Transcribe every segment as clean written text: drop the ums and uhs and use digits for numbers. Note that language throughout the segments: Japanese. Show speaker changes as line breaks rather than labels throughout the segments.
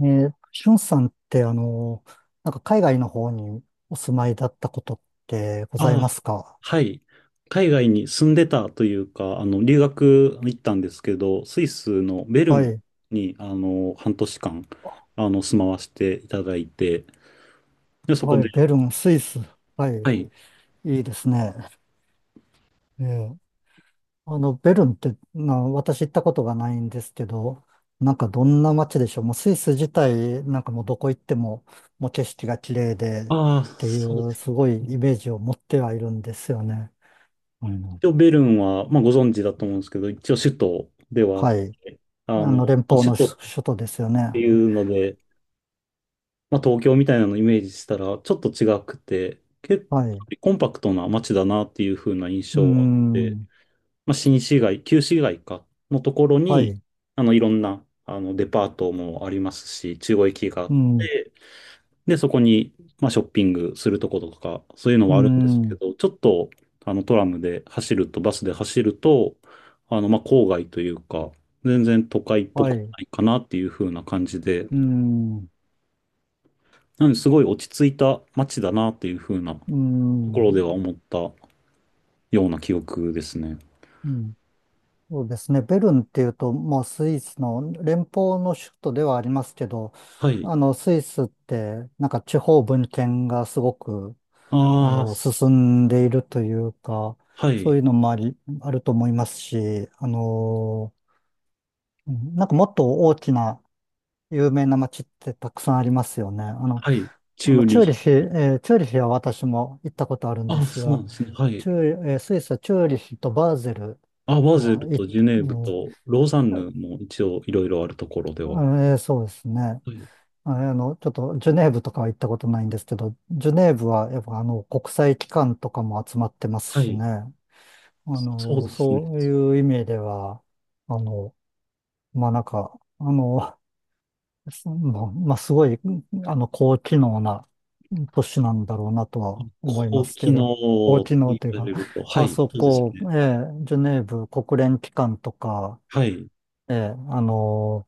しゅんさんって、なんか海外の方にお住まいだったことってございま
ああ、
すか？
はい。海外に住んでたというか、留学行ったんですけど、スイスのベル
は
ン
い。
に、半年間、住まわせていただいて、で、そこ
はい。
で、
ベルン、スイス。はい。
はい。
いいですね。えーベルンって、私行ったことがないんですけど、なんかどんな街でしょう。もうスイス自体、なんかもうどこ行っても、もう景色が綺麗で、っ
ああ、
てい
そうで
う、
す。
すごいイメージを持ってはいるんですよね。うん。
一応、ベルンは、まあ、ご存知だと思うんですけど、一応、首都ではあっ
はい。
て、あの、
連
まあ、
邦
首
の
都っ
首都ですよね。
ていうので、まあ、東京みたいなのをイメージしたら、ちょっと違くて、結
はい。う
構コンパクトな街だなっていう風な印
ー
象はあって、
ん。
まあ、新市街、旧市街か、のところ
は
に、
い。
いろんな、デパートもありますし、中央駅があ
う
っ
ん。
て、で、そこに、まあ、ショッピングするとことか、そういうの
う
はあるんですけ
ん。
ど、ちょっと、トラムで走ると、バスで走ると、まあ、郊外というか、全然都会っぽ
は
く
い。
ないかなっていう風な感じで、
うん。
なのですごい落ち着いた街だなっていう風な
う
ところで
ん。
は思ったような記憶ですね。
うん。そうですね。ベルンっていうと、まあ、スイスの連邦の首都ではありますけど、
はい。
スイスって、なんか地方分権がすごく、
ああ、
進んでいるというか、
は
そう
い。
いうのもあり、あると思いますし、うん、なんかもっと大きな有名な街ってたくさんありますよね。
はい。
あ
チュー
の、チ
リ
ューリ
ヒ。
ヒ、えチューリヒは私も行ったことあるんで
あ、
す
そうなん
が、
ですね。はい。
チューリえースイスはチューリヒとバーゼル
あ、バズ
は
ル
行
と
っ、
ジュネーブとローザンヌも一応いろいろあるところでは。
うん、そうですね。
はい。
ちょっとジュネーブとかは行ったことないんですけど、ジュネーブはやっぱあの国際機関とかも集まってます
は
し
い。
ね。
そうですね。
そういう意味では、あの、まあ、なんか、そのまあ、すごい、高機能な都市なんだろうなとは思いま
高
すけ
機能
ど、高
と
機能
言
という
わ
か、
れると、は
あ
い。
そ
そうです
こ、
ね。
ええジュネーブ国連機関とか、
はい。
ええ、あの、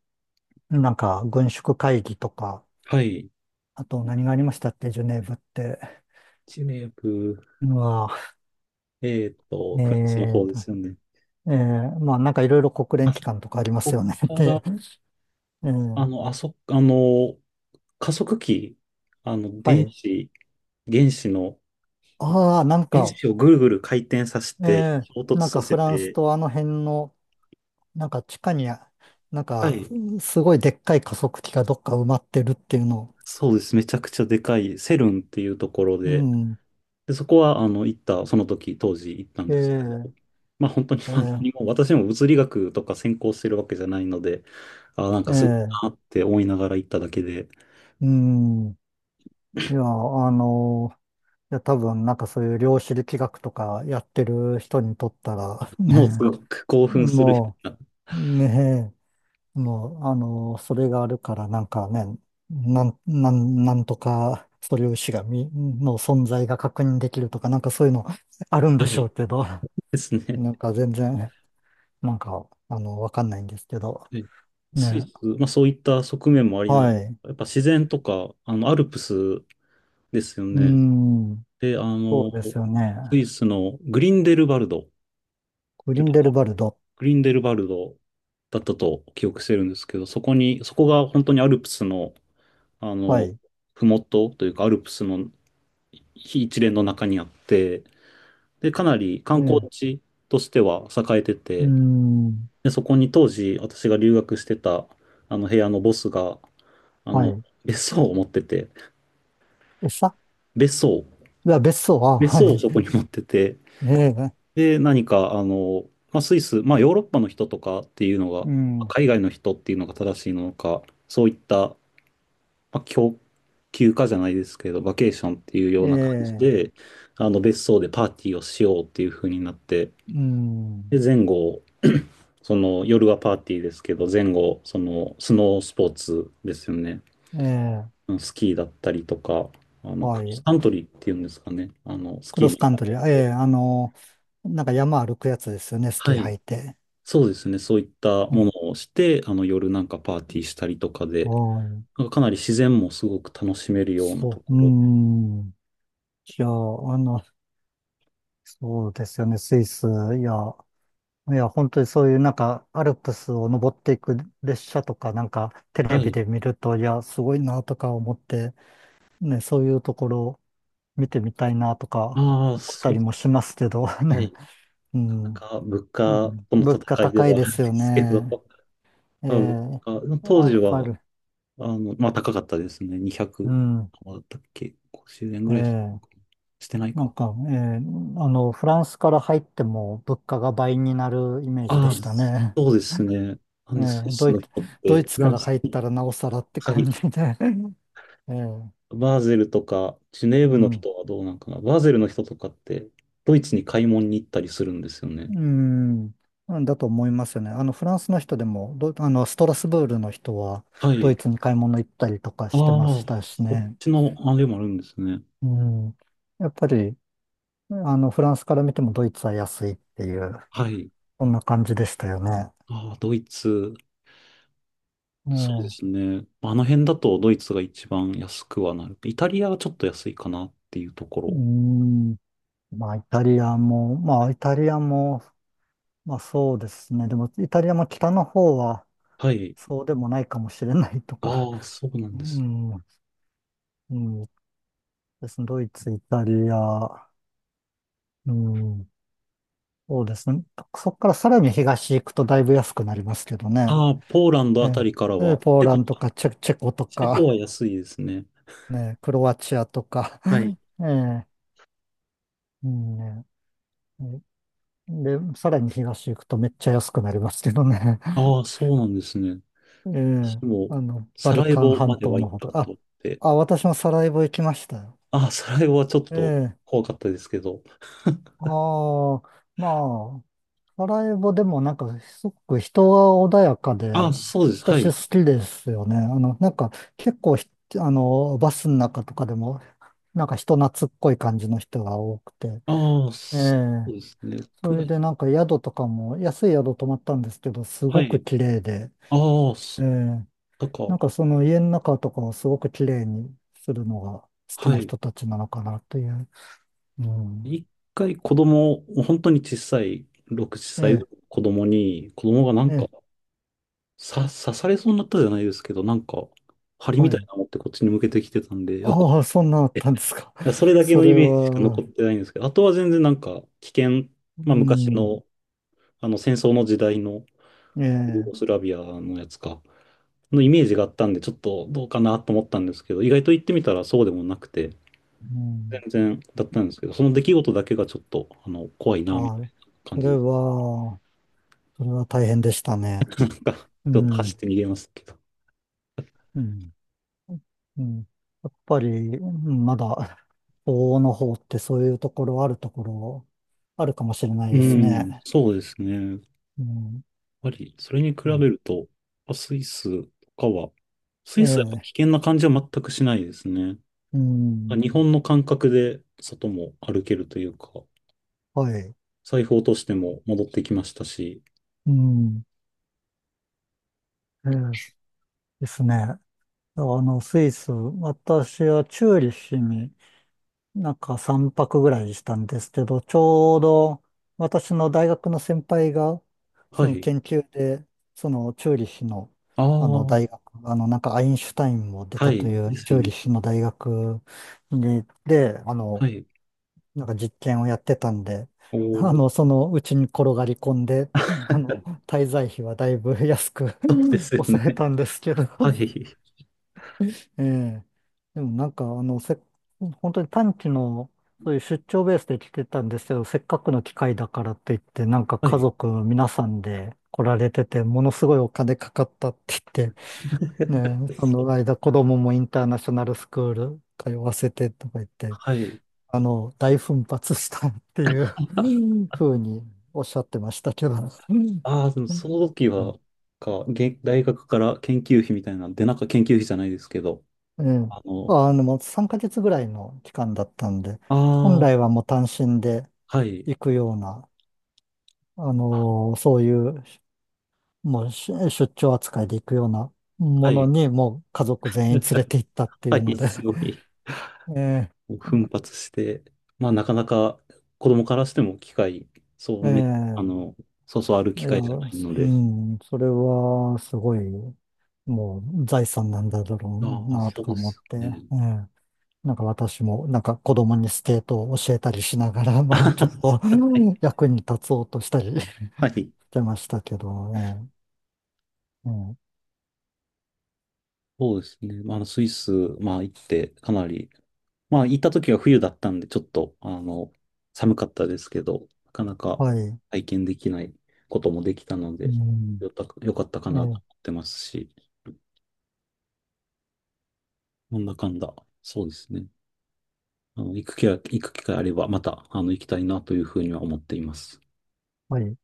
なんか軍縮会議とか、
はい。
あと何がありましたっけ、ジュネーブって。
ジュネーブ、
うわ、え
フランスの
え
方で
と、
すよね。
ええ、まあなんかいろいろ国連
あ
機
そ
関とかあります
こ
よね。
か
で、
ら、
ええ、
あの、あそ、あの、加速器、
は
電
い。
子、原子の、
ああ、なん
原
か、
子をぐるぐる回転させ
え
て、
え、
衝突
なんか
させ
フランス
て、
とあの辺の、なんか地下に、なん
は
か
い。
すごいでっかい加速器がどっか埋まってるっていうの。
そうです。めちゃくちゃでかい、セルンっていうところ
う
で、
ん。
で、そこは、あの、行った、その時、当時行ったん
え
ですけど、
え、
まあ本当に、
え
まあ、
え、
何も私も物理学とか専攻してるわけじゃないので、あ、なん
え
かすごい
え、
なって思いながら行っただけで、
うん。いや、あのいや、多分なんかそういう量子力学とかやってる人にとったら、
もうす
ね、
ごく興奮するよ
も
うな、
う、ね、もう、それがあるからなんかね、なんとか素粒子がみ、の存在が確認できるとか、なんかそういうのあるんで
は
しょ
い
うけど、
です ね。
なんか全然、なんか、わかんないんですけど、
はい。スイ
ね、
ス、まあそういった側面もありな、
はい。う
やっぱ自然とか、アルプスですよ
ー
ね。
ん、
で、
そうですよね。
スイスのグリンデルバルドっ
グ
て
リ
と
ンデルバルド。
グリンデルバルドだったと記憶してるんですけど、そこが本当にアルプスの、あ
は
の、
い。
ふもとというか、アルプスの非一連の中にあって、で、かなり
ええ、
観光
う
地としては栄えて
ー
て、
ん、
で、そこに当時私が留学してた、あの部屋のボスが、あ
は
の、
い。
別荘を持ってて、
餌
別荘、
いや、別荘は、
別
は
荘をそこ
い。
に持ってて、
ええ、
で、何か、まあ、スイス、まあ、ヨーロッパの人とかっていうのが、
うん。
海外の人っていうのが正しいのか、そういったまあ、休暇じゃないですけど、バケーションっていうよ
え
うな感じ
え、
で、あの別荘でパーティーをしようっていう風になって、
うん。
で、前後、その夜はパーティーですけど、前後、そのスノースポーツですよね。
ええ、
スキーだったりとか、ク
は
ロス
い。
カントリーっていうんですかね。ス
ク
キ
ロ
ー
ス
に行っ
カント
た
リ
りし
ー。え
て。
え、なんか山歩くやつですよね、スキ
は
ー履
い。
いて。
そうですね。そういった
う
も
ん、
のをして、夜なんかパーティーしたりとかで、
はい。
なんかかなり自然もすごく楽しめるようなと
そう。
こ
う
ろ。
ん。いや、の、そうですよね、スイス。いや、いや、本当にそういうなんか、アルプスを登っていく列車とか、なんか、テ
は
レビ
い。
で見ると、いや、すごいなとか思って、ね、そういうところ見てみたいなとか
ああ、
思った
そう。
りもしますけど、
は
ね、
い。
う
なかな
ん、
か物価
うん、
との
物価
戦いで
高い
は
で
ある
す
ん
よ
ですけ
ね。
ど、
え
まあ、物
え、
価当
や
時
っぱり、
は、まあ高かったですね。
う
200、
ん、
あだったっけ？ 50 円
え
ぐらいしたの
え、
かな。してない
なん
か。
か、ええ、フランスから入っても物価が倍になるイメージで
ああ、
したね。
そうですね。なん
え
でスイ
え、
スの人って、
ドイツ
フラ
か
ン
ら
ス
入った
に、
らなおさらって
は
感じ
い、
で。ええ、
バーゼルとか、ジュネー
う
ブの
ん。
人はどうなんかな。バーゼルの人とかって、ドイツに買い物に行ったりするんですよね。
うん、うんだと思いますよね。フランスの人でも、ど、あの、ストラスブールの人は、
は
ド
い。
イツに買い物行ったりとか
あ
してま
あ、
したし
そっ
ね。
ちのあれもあるんですね。
うん。やっぱり、フランスから見てもドイツは安いっていう、
はい。
そんな感じでしたよね。
ああ、ドイツ。そうで
え
す
え、
ね。あの辺だとドイツが一番安くはなる。イタリアはちょっと安いかなっていうとこ
う
ろ。
ん。まあ、イタリアも、まあ、そうですね。でも、イタリアも北の方は、
はい。
そうでもないかもしれないとか。
ああ、そうなん
う
です。
ん。うん。ですね。ドイツ、イタリア、うん。そうですね。そこからさらに東行くとだいぶ安くなりますけどね。
ああ、ポーランド
え
あた
え。
りから
ええ、
は、
ポー
チェ
ラ
コ
ンドと
か。
かチェコと
チェコ
か、
は安いですね。
ね、クロアチアとか。
はい。
ええ。うん、ね、で、さらに東行くとめっちゃ安くなりますけどね。
ああ、そうなんですね。
え
私
え。
も、
バ
サ
ル
ラエ
カン
ボま
半
で
島
は行
の
っ
方
た
と
こと
か。
あって、
私もサラエボ行きましたよ。
ああ、サラエボはちょっ
え
と
え。
怖かったですけど、
ああ、まあ、サラエボでもなんかすごく人が穏やかで、
ああ、そうです。は
私
い。
好きですよね。なんか結構ひ、あの、バスの中とかでも、なんか人懐っこい感じの人が多くて。
ああ、
え
そう
え、
ですね。
それでなんか宿とかも、安い宿泊まったんですけど、す
は
ごく
い。
綺麗で、
ああ、
え
そう、
え、
だから、
なんかその家の中とかをすごく綺麗にするのが好き
は
な
い。
人たちなのかなという。うん。
一回子供を、本当に小さい、6、7歳ぐ
ええ、
らいの子供に、子供がなんか、
ええ、
刺されそうになったじゃないですけど、なんか、針み
は
たい
い。
なの持ってこっちに向けてきてたんで、
ああ、そんなあったんですか。
それ だけ
そ
のイ
れ
メージしか残
は、
ってないんですけど、あとは全然なんか、危険、ま
う
あ昔
ん、
の、あの戦争の時代の、
え
ユーゴス
え、
ラビアのやつか、のイメージがあったんで、ちょっとどうかなと思ったんですけど、意外と言ってみたらそうでもなくて、
う
全
ん、
然だったんですけど、その出来事だけがちょっと、怖いな、みたい
は
な
い。
感
それ
じで。
は、それは大変でしたね。
なんか、
う
ちょっと
ん、
走って逃げますけど。
うん、うん。やっぱり、うん、まだ、法の方ってそういうところあるところ、あるかもしれない
う
です
ん。ん、
ね。
そうですね。やっ
うん、
ぱり、それに比
う
べ
ん、
ると、あスイスとかは、ス
え
イスはやっぱ危
え、
険な感じは全くしないですね。
うん、
日本の感覚で外も歩けるというか、
はい。
財布落としても戻ってきましたし。
うん、ええ、ですね。スイス、私はチューリッヒに、なんか3泊ぐらいしたんですけど、ちょうど私の大学の先輩が、
は
その
い。
研究で、そのチューリヒの、
あ
あの
あ、
大学、あのなんかアインシュタインも出
は
たと
い。
い
で
う
す
チ
よ
ュー
ね。
リヒの大学に、で、
はい。
なんか実験をやってたんで、
おー、
そのうちに転がり込んで、滞在費はだいぶ安く
そうですよ
抑え
ね。
たんですけど、
はい。
ええ。でもなんか、本当に短期の、そういう出張ベースで来てたんですけど、せっかくの機会だからって言って、なんか
は
家
い。
族皆さんで来られてて、ものすごいお金かかったって言って、ね、え、そ
そ
の
う。
間子供もインターナショナルスクール通わせてとか言って、
はい。
大奮発したっていうふうにおっしゃってましたけど。う
ああ、でもその時は、
ん、
大学から研究費みたいな、で、なんか研究費じゃないですけど、
ええ。
あの、
もう3ヶ月ぐらいの期間だったんで、本
ああ、
来はもう単身で
はい、
行くような、
あ
そういう、もうし出張扱いで行くようなも
は
の
い。
に、もう家族全員連れて行っ たってい
は
うの
い、
で、
すご い、
ええ、
奮発して、まあ、なかなか子供からしても機会、そう
え
め、あ
え、
の、そうそうある
い
機
や、
会じゃな
う
いので、
ん、それはすごい、もう財産なんだろ
あ
う
あ、
なと
そう
か
で
思っ
す
て、
ね。
ええ、なんか私も、なんか子供にスケートを教えたりしながら、まあちょっと、
は
う
い。
ん、 役に立つおうとしたりし
はい、
てましたけどね。うん、
そうですね。まあ、あのスイス、まあ、行って、かなり、まあ、行った時は冬だったんで、ちょっと、寒かったですけど、なかなか
はい。
体験できないこともできたの
う
で、
ん、
よかったか
え
なと
ー
思ってますし、なんだかんだ、そうですね。行く機会あれば、また、行きたいなというふうには思っています。
はい。